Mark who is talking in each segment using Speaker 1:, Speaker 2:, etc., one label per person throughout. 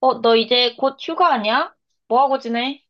Speaker 1: 너 이제 곧 휴가 아니야? 뭐 하고 지내?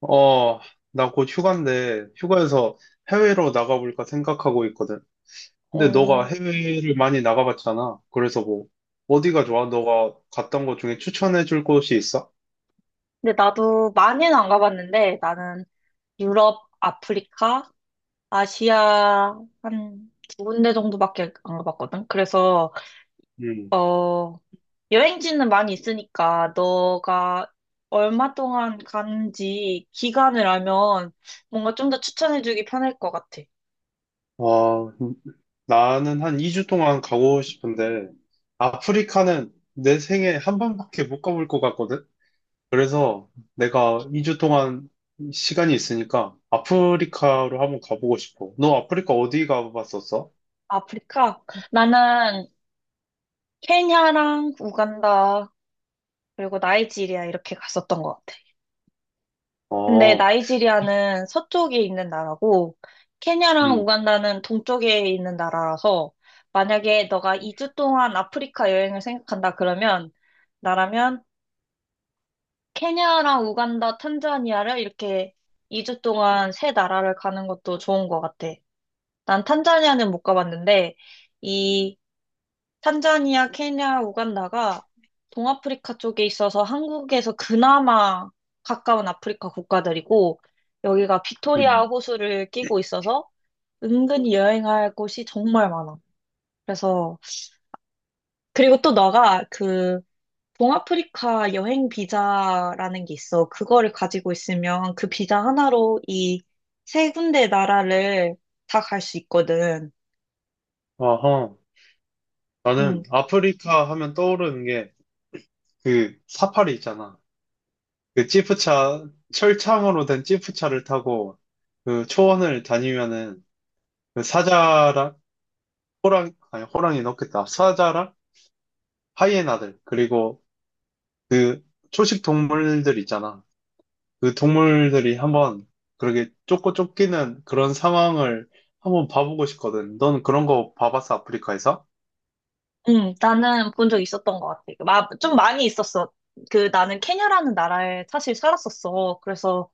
Speaker 2: 어, 나 곧 휴가인데, 휴가에서 해외로 나가볼까 생각하고 있거든. 근데 너가
Speaker 1: 어,
Speaker 2: 해외를 많이 나가봤잖아. 그래서 뭐, 어디가 좋아? 너가 갔던 곳 중에 추천해줄 곳이 있어?
Speaker 1: 근데 나도 많이는 안 가봤는데 나는 유럽, 아프리카, 아시아 한 두 군데 정도밖에 안 가봤거든. 그래서
Speaker 2: 음.
Speaker 1: 어, 여행지는 많이 있으니까 너가 얼마 동안 가는지 기간을 알면 뭔가 좀 더 추천해주기 편할 것 같아.
Speaker 2: 어, 나는 한 2주 동안 가고 싶은데, 아프리카는 내 생에 한 번밖에 못 가볼 것 같거든? 그래서 내가 2주 동안 시간이 있으니까 아프리카로 한번 가보고 싶어. 너 아프리카 어디 가봤었어?
Speaker 1: 아프리카? 나는 케냐랑 우간다 그리고 나이지리아 이렇게 갔었던 것 같아. 근데
Speaker 2: 어,
Speaker 1: 나이지리아는 서쪽에 있는 나라고 케냐랑
Speaker 2: 음.
Speaker 1: 우간다는 동쪽에 있는 나라라서 만약에 너가 2주 동안 아프리카 여행을 생각한다 그러면 나라면 케냐랑 우간다, 탄자니아를 이렇게 2주 동안 세 나라를 가는 것도 좋은 것 같아. 난 탄자니아는 못 가봤는데 탄자니아, 케냐, 우간다가 동아프리카 쪽에 있어서 한국에서 그나마 가까운 아프리카 국가들이고 여기가 빅토리아
Speaker 2: 음.
Speaker 1: 호수를 끼고 있어서 은근히 여행할 곳이 정말 많아. 그래서 그리고 또 너가 그 동아프리카 여행 비자라는 게 있어. 그거를 가지고 있으면 그 비자 하나로 이 세 군데 나라를 다 갈 수 있거든.
Speaker 2: 어허. 나는
Speaker 1: 음.
Speaker 2: 아프리카 하면 떠오르는 게 그 사파리 있잖아. 그 지프차, 철창으로 된 지프차를 타고 그 초원을 다니면은 그 사자랑 호랑, 아니 호랑이 넣겠다. 사자랑 하이에나들, 그리고 그 초식 동물들 있잖아. 그 동물들이 한번 그렇게 쫓고 쫓기는 그런 상황을 한번 봐보고 싶거든. 넌 그런 거 봐봤어, 아프리카에서?
Speaker 1: 응. 나는 본 적 있었던 것 같아. 좀 많이 있었어. 나는 케냐라는 나라에 사실 살았었어. 그래서,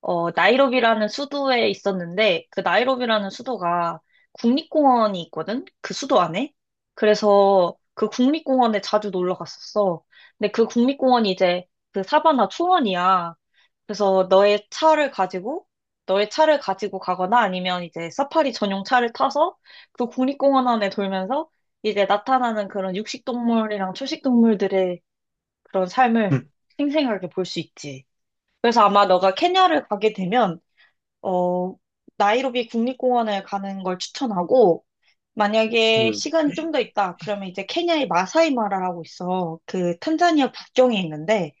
Speaker 1: 나이로비라는 수도에 있었는데, 그 나이로비라는 수도가 국립공원이 있거든? 그 수도 안에? 그래서 그 국립공원에 자주 놀러 갔었어. 근데 그 국립공원이 이제 그 사바나 초원이야. 그래서 너의 차를 가지고 가거나 아니면 이제 사파리 전용 차를 타서 그 국립공원 안에 돌면서 이제 나타나는 그런 육식동물이랑 초식동물들의 그런 삶을
Speaker 2: 응,
Speaker 1: 생생하게 볼 수 있지. 그래서 아마 너가 케냐를 가게 되면, 어, 나이로비 국립공원을 가는 걸 추천하고, 만약에
Speaker 2: 응,
Speaker 1: 시간이 좀 더 있다, 그러면 이제 케냐의 마사이 마라라고 있어. 그 탄자니아 국경에 있는데,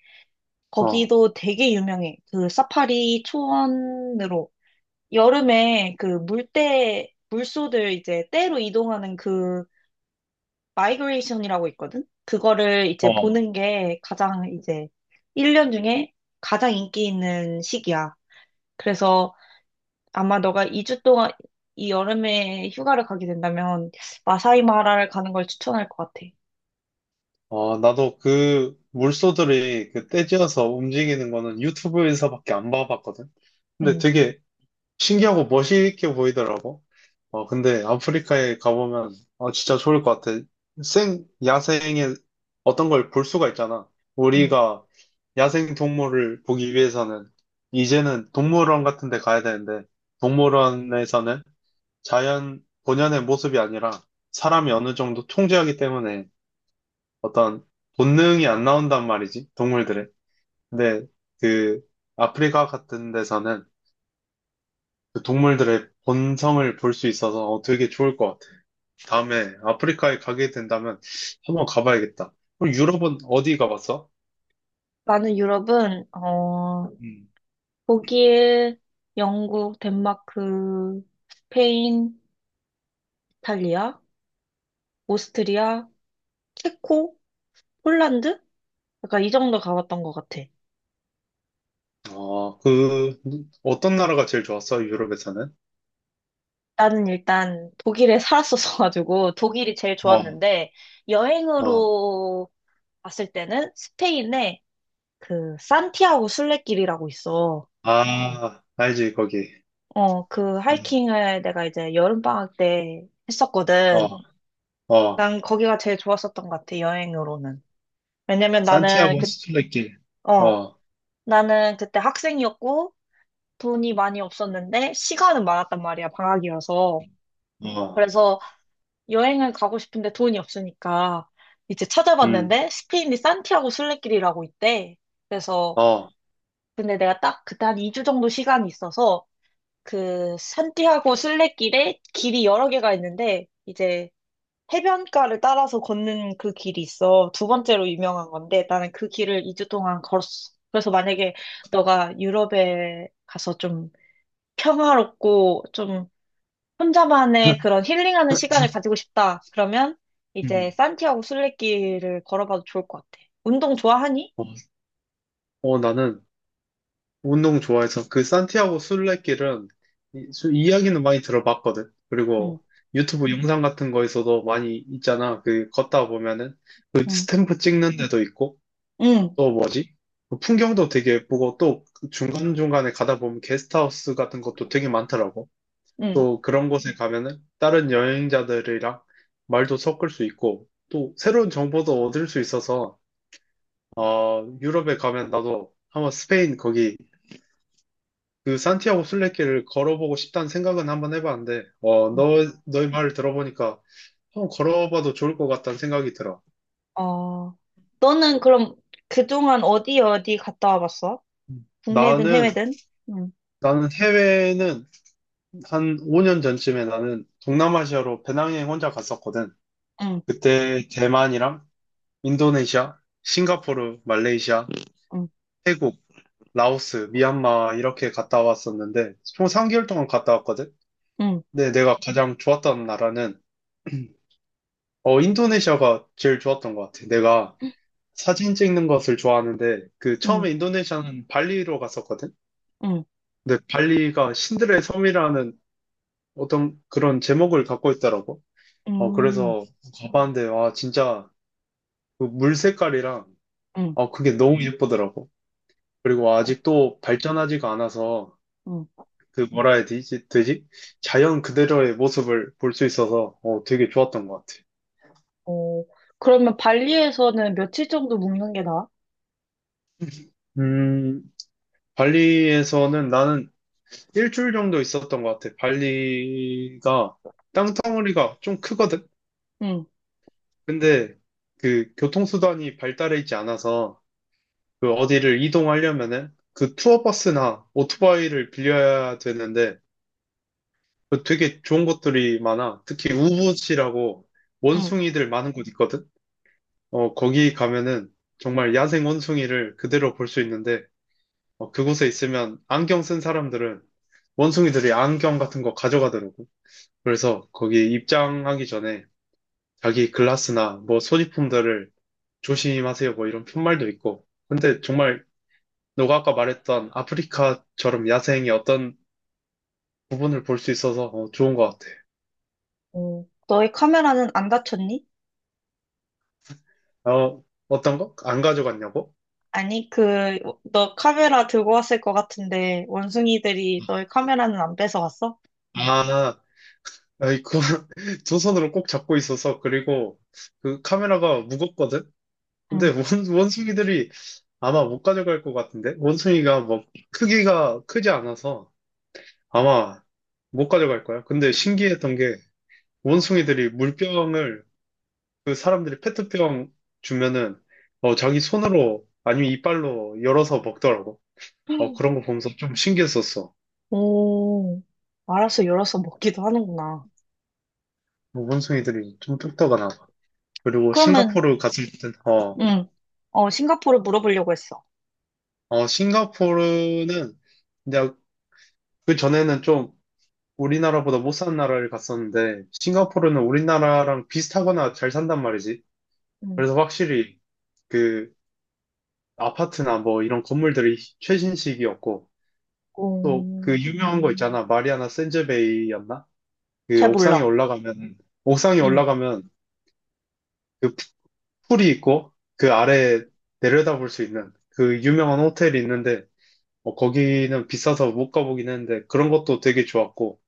Speaker 2: 어,
Speaker 1: 거기도 되게 유명해. 그 사파리 초원으로. 여름에 그 물소들 이제 떼로 이동하는 그 마이그레이션이라고 있거든? 그거를 이제
Speaker 2: 어.
Speaker 1: 보는 게 가장 이제 1년 중에 가장 인기 있는 시기야. 그래서 아마 너가 2주 동안 이 여름에 휴가를 가게 된다면 마사이 마라를 가는 걸 추천할 것 같아.
Speaker 2: 아, 나도 그 물소들이 그 떼지어서 움직이는 거는 유튜브에서밖에 안 봐봤거든. 근데
Speaker 1: 응.
Speaker 2: 되게 신기하고 멋있게 보이더라고. 어, 근데 아프리카에 가보면 어, 진짜 좋을 것 같아. 야생의 어떤 걸 볼 수가 있잖아.
Speaker 1: 응.
Speaker 2: 우리가 야생 동물을 보기 위해서는 이제는 동물원 같은 데 가야 되는데 동물원에서는 자연 본연의 모습이 아니라 사람이 어느 정도 통제하기 때문에 어떤 본능이 안 나온단 말이지, 동물들의. 근데 그 아프리카 같은 데서는 그 동물들의 본성을 볼 수 있어서 어, 되게 좋을 것 같아. 다음에 아프리카에 가게 된다면 한번 가봐야겠다. 그럼 유럽은 어디 가봤어?
Speaker 1: 나는 유럽은, 어,
Speaker 2: 음.
Speaker 1: 독일, 영국, 덴마크, 스페인, 이탈리아, 오스트리아, 체코, 폴란드? 약간 이 정도 가봤던 것 같아.
Speaker 2: 어, 그, 어떤 나라가 제일 좋았어, 유럽에서는?
Speaker 1: 나는 일단 독일에 살았었어가지고 독일이 제일
Speaker 2: 어,
Speaker 1: 좋았는데
Speaker 2: 어,
Speaker 1: 여행으로 봤을 때는 스페인에 그 산티아고 순례길이라고 있어.
Speaker 2: 아, 알지, 거기.
Speaker 1: 어, 그
Speaker 2: 음.
Speaker 1: 하이킹을 내가 이제 여름방학 때 했었거든.
Speaker 2: 어, 어,
Speaker 1: 난 거기가 제일 좋았었던 것 같아, 여행으로는. 왜냐면 나는
Speaker 2: 산티아고
Speaker 1: 그,
Speaker 2: 수출레길
Speaker 1: 어,
Speaker 2: 어,
Speaker 1: 나는 그때 학생이었고 돈이 많이 없었는데 시간은 많았단 말이야, 방학이어서.
Speaker 2: 어,
Speaker 1: 그래서 여행을 가고 싶은데 돈이 없으니까 이제
Speaker 2: 음,
Speaker 1: 찾아봤는데 스페인이 산티아고 순례길이라고 있대. 그래서
Speaker 2: 어,
Speaker 1: 근데 내가 딱 그때 한 2주 정도 시간이 있어서 그 산티아고 순례길에 길이 여러 개가 있는데 이제 해변가를 따라서 걷는 그 길이 있어. 두 번째로 유명한 건데 나는 그 길을 2주 동안 걸었어. 그래서 만약에 너가 유럽에 가서 좀 평화롭고 좀 혼자만의 그런 힐링하는 시간을 가지고 싶다. 그러면 이제
Speaker 2: 음.
Speaker 1: 산티아고 순례길을 걸어봐도 좋을 것 같아. 운동 좋아하니?
Speaker 2: 어, 어, 나는 운동 좋아해서 그 산티아고 순례길은 이야기는 많이 들어봤거든.
Speaker 1: 응.
Speaker 2: 그리고 유튜브 영상 같은 거에서도 많이 있잖아. 그 걷다 보면은 그
Speaker 1: 응.
Speaker 2: 스탬프 찍는 데도 있고
Speaker 1: 응.
Speaker 2: 또 뭐지? 그 풍경도 되게 예쁘고 또 중간중간에 가다 보면 게스트하우스 같은 것도 되게 많더라고.
Speaker 1: 응.
Speaker 2: 또 그런 곳에 가면은 다른 여행자들이랑 말도 섞을 수 있고 또 새로운 정보도 얻을 수 있어서 어, 유럽에 가면 나도 한번 스페인 거기 그 산티아고 순례길을 걸어보고 싶다는 생각은 한번 해봤는데, 어,
Speaker 1: 응.
Speaker 2: 너의 말을 들어보니까 한번 걸어봐도 좋을 것 같다는 생각이 들어.
Speaker 1: 어. 너는 그럼 그동안 어디 어디 갔다 와봤어? 국내든
Speaker 2: 나는,
Speaker 1: 해외든? 응.
Speaker 2: 나는 해외는 한 5년 전쯤에 나는 동남아시아로 배낭여행 혼자 갔었거든.
Speaker 1: 응.
Speaker 2: 그때 대만이랑 인도네시아, 싱가포르, 말레이시아,
Speaker 1: 응.
Speaker 2: 태국, 라오스, 미얀마 이렇게 갔다 왔었는데, 총 3개월 동안 갔다 왔거든.
Speaker 1: 응.
Speaker 2: 근데 내가 가장 좋았던 나라는, 어, 인도네시아가 제일 좋았던 것 같아. 내가 사진 찍는 것을 좋아하는데 그
Speaker 1: 응.
Speaker 2: 처음에 인도네시아는 발리로 갔었거든.
Speaker 1: 응.
Speaker 2: 근데 발리가 신들의 섬이라는 어떤 그런 제목을 갖고 있더라고. 어,
Speaker 1: 응.
Speaker 2: 그래서 가봤는데 와, 진짜 그물 색깔이랑
Speaker 1: 응.
Speaker 2: 어, 그게 너무 예쁘더라고. 그리고
Speaker 1: 어.
Speaker 2: 아직도 발전하지가 않아서
Speaker 1: 응.
Speaker 2: 그 뭐라 해야 되지? 자연 그대로의 모습을 볼 수 있어서 어, 되게 좋았던 것 같아.
Speaker 1: 어, 그러면 발리에서는 며칠 정도 묵는 게 나아?
Speaker 2: 음 발리에서는 나는 일주일 정도 있었던 것 같아. 발리가 땅덩어리가 좀 크거든.
Speaker 1: 응.
Speaker 2: 근데 그 교통수단이 발달해 있지 않아서 그 어디를 이동하려면은 그 투어버스나 오토바이를 빌려야 되는데 그 되게 좋은 곳들이 많아. 특히 우붓이라고
Speaker 1: 응.
Speaker 2: 원숭이들 많은 곳 있거든. 어, 거기 가면은 정말 야생 원숭이를 그대로 볼 수 있는데 어, 그곳에 있으면 안경 쓴 사람들은 원숭이들이 안경 같은 거 가져가더라고. 그래서 거기 입장하기 전에 자기 글라스나 뭐 소지품들을 조심하세요 뭐 이런 푯말도 있고 근데 정말 너가 아까 말했던 아프리카처럼 야생의 어떤 부분을 볼 수 있어서 어, 좋은 것 같아.
Speaker 1: 너의 카메라는 안 다쳤니?
Speaker 2: 어, 어떤 거? 안 가져갔냐고?
Speaker 1: 아니, 너 카메라 들고 왔을 것 같은데, 원숭이들이 너의 카메라는 안 뺏어갔어?
Speaker 2: 아, 아이, 그거 두 손으로 꼭 잡고 있어서 그리고 그 카메라가 무겁거든? 근데
Speaker 1: 응.
Speaker 2: 원숭이들이 아마 못 가져갈 것 같은데? 원숭이가 뭐 크기가 크지 않아서 아마 못 가져갈 거야. 근데 신기했던 게 원숭이들이 물병을 그 사람들이 페트병 주면은 어, 자기 손으로 아니면 이빨로 열어서 먹더라고. 어, 그런 거 보면서 좀 신기했었어.
Speaker 1: 오, 알아서 열어서 먹기도 하는구나.
Speaker 2: 어, 원숭이들이 좀 똑똑하나 봐. 그리고
Speaker 1: 그러면,
Speaker 2: 싱가포르 갔을 땐, 어,
Speaker 1: 응, 싱가포르 물어보려고 했어.
Speaker 2: 어, 싱가포르는 내가 그 전에는 좀 우리나라보다 못 사는 나라를 갔었는데 싱가포르는 우리나라랑 비슷하거나 잘 산단 말이지.
Speaker 1: 응.
Speaker 2: 그래서 확실히 그 아파트나 뭐 이런 건물들이 최신식이었고 또
Speaker 1: 오,
Speaker 2: 그 유명한 거 있잖아. 마리아나 샌즈베이였나? 그
Speaker 1: 잘
Speaker 2: 옥상에
Speaker 1: 몰라.
Speaker 2: 올라가면, 옥상에
Speaker 1: 응.
Speaker 2: 올라가면 그 풀이 있고 그 아래 내려다볼 수 있는 그 유명한 호텔이 있는데 어, 거기는 비싸서 못 가보긴 했는데 그런 것도 되게 좋았고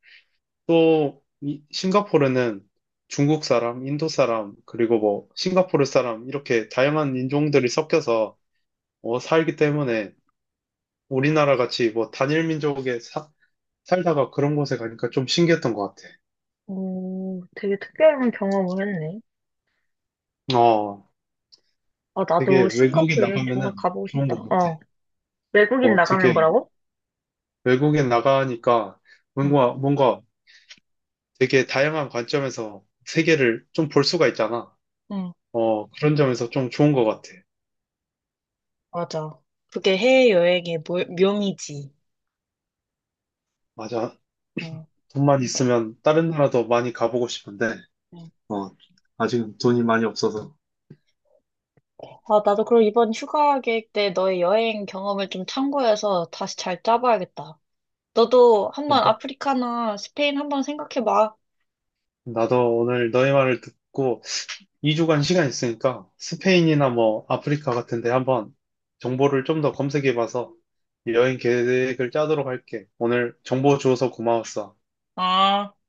Speaker 2: 또 싱가포르는 중국 사람, 인도 사람, 그리고 뭐 싱가포르 사람 이렇게 다양한 인종들이 섞여서 어, 살기 때문에 우리나라 같이 뭐 단일 민족에 살다가 그런 곳에 가니까 좀 신기했던 것 같아.
Speaker 1: 오, 되게 특별한 경험을 했네.
Speaker 2: 어,
Speaker 1: 아, 나도
Speaker 2: 되게 외국에
Speaker 1: 싱가포르 여행 정말
Speaker 2: 나가면은
Speaker 1: 가보고
Speaker 2: 좋은
Speaker 1: 싶다.
Speaker 2: 것 같아.
Speaker 1: 외국인
Speaker 2: 어,
Speaker 1: 나가면
Speaker 2: 되게
Speaker 1: 뭐라고?
Speaker 2: 외국에 나가니까 뭔가 되게 다양한 관점에서 세계를 좀 볼 수가 있잖아.
Speaker 1: 어.
Speaker 2: 어, 그런 점에서 좀 좋은 것 같아.
Speaker 1: 맞아. 그게 해외여행의 묘미지.
Speaker 2: 맞아.
Speaker 1: 응.
Speaker 2: 돈만 있으면 다른 나라도 많이 가보고 싶은데,
Speaker 1: 응.
Speaker 2: 어, 아직은 돈이 많이 없어서.
Speaker 1: 아, 나도 그럼 이번 휴가 계획 때 너의 여행 경험을 좀 참고해서 다시 잘 짜봐야겠다. 너도 한번 아프리카나 스페인 한번 생각해봐.
Speaker 2: 나도 오늘 너의 말을 듣고 2주간 시간 있으니까 스페인이나 뭐 아프리카 같은데 한번 정보를 좀 더 검색해봐서 여행 계획을 짜도록 할게. 오늘 정보 주어서 고마웠어.
Speaker 1: 아.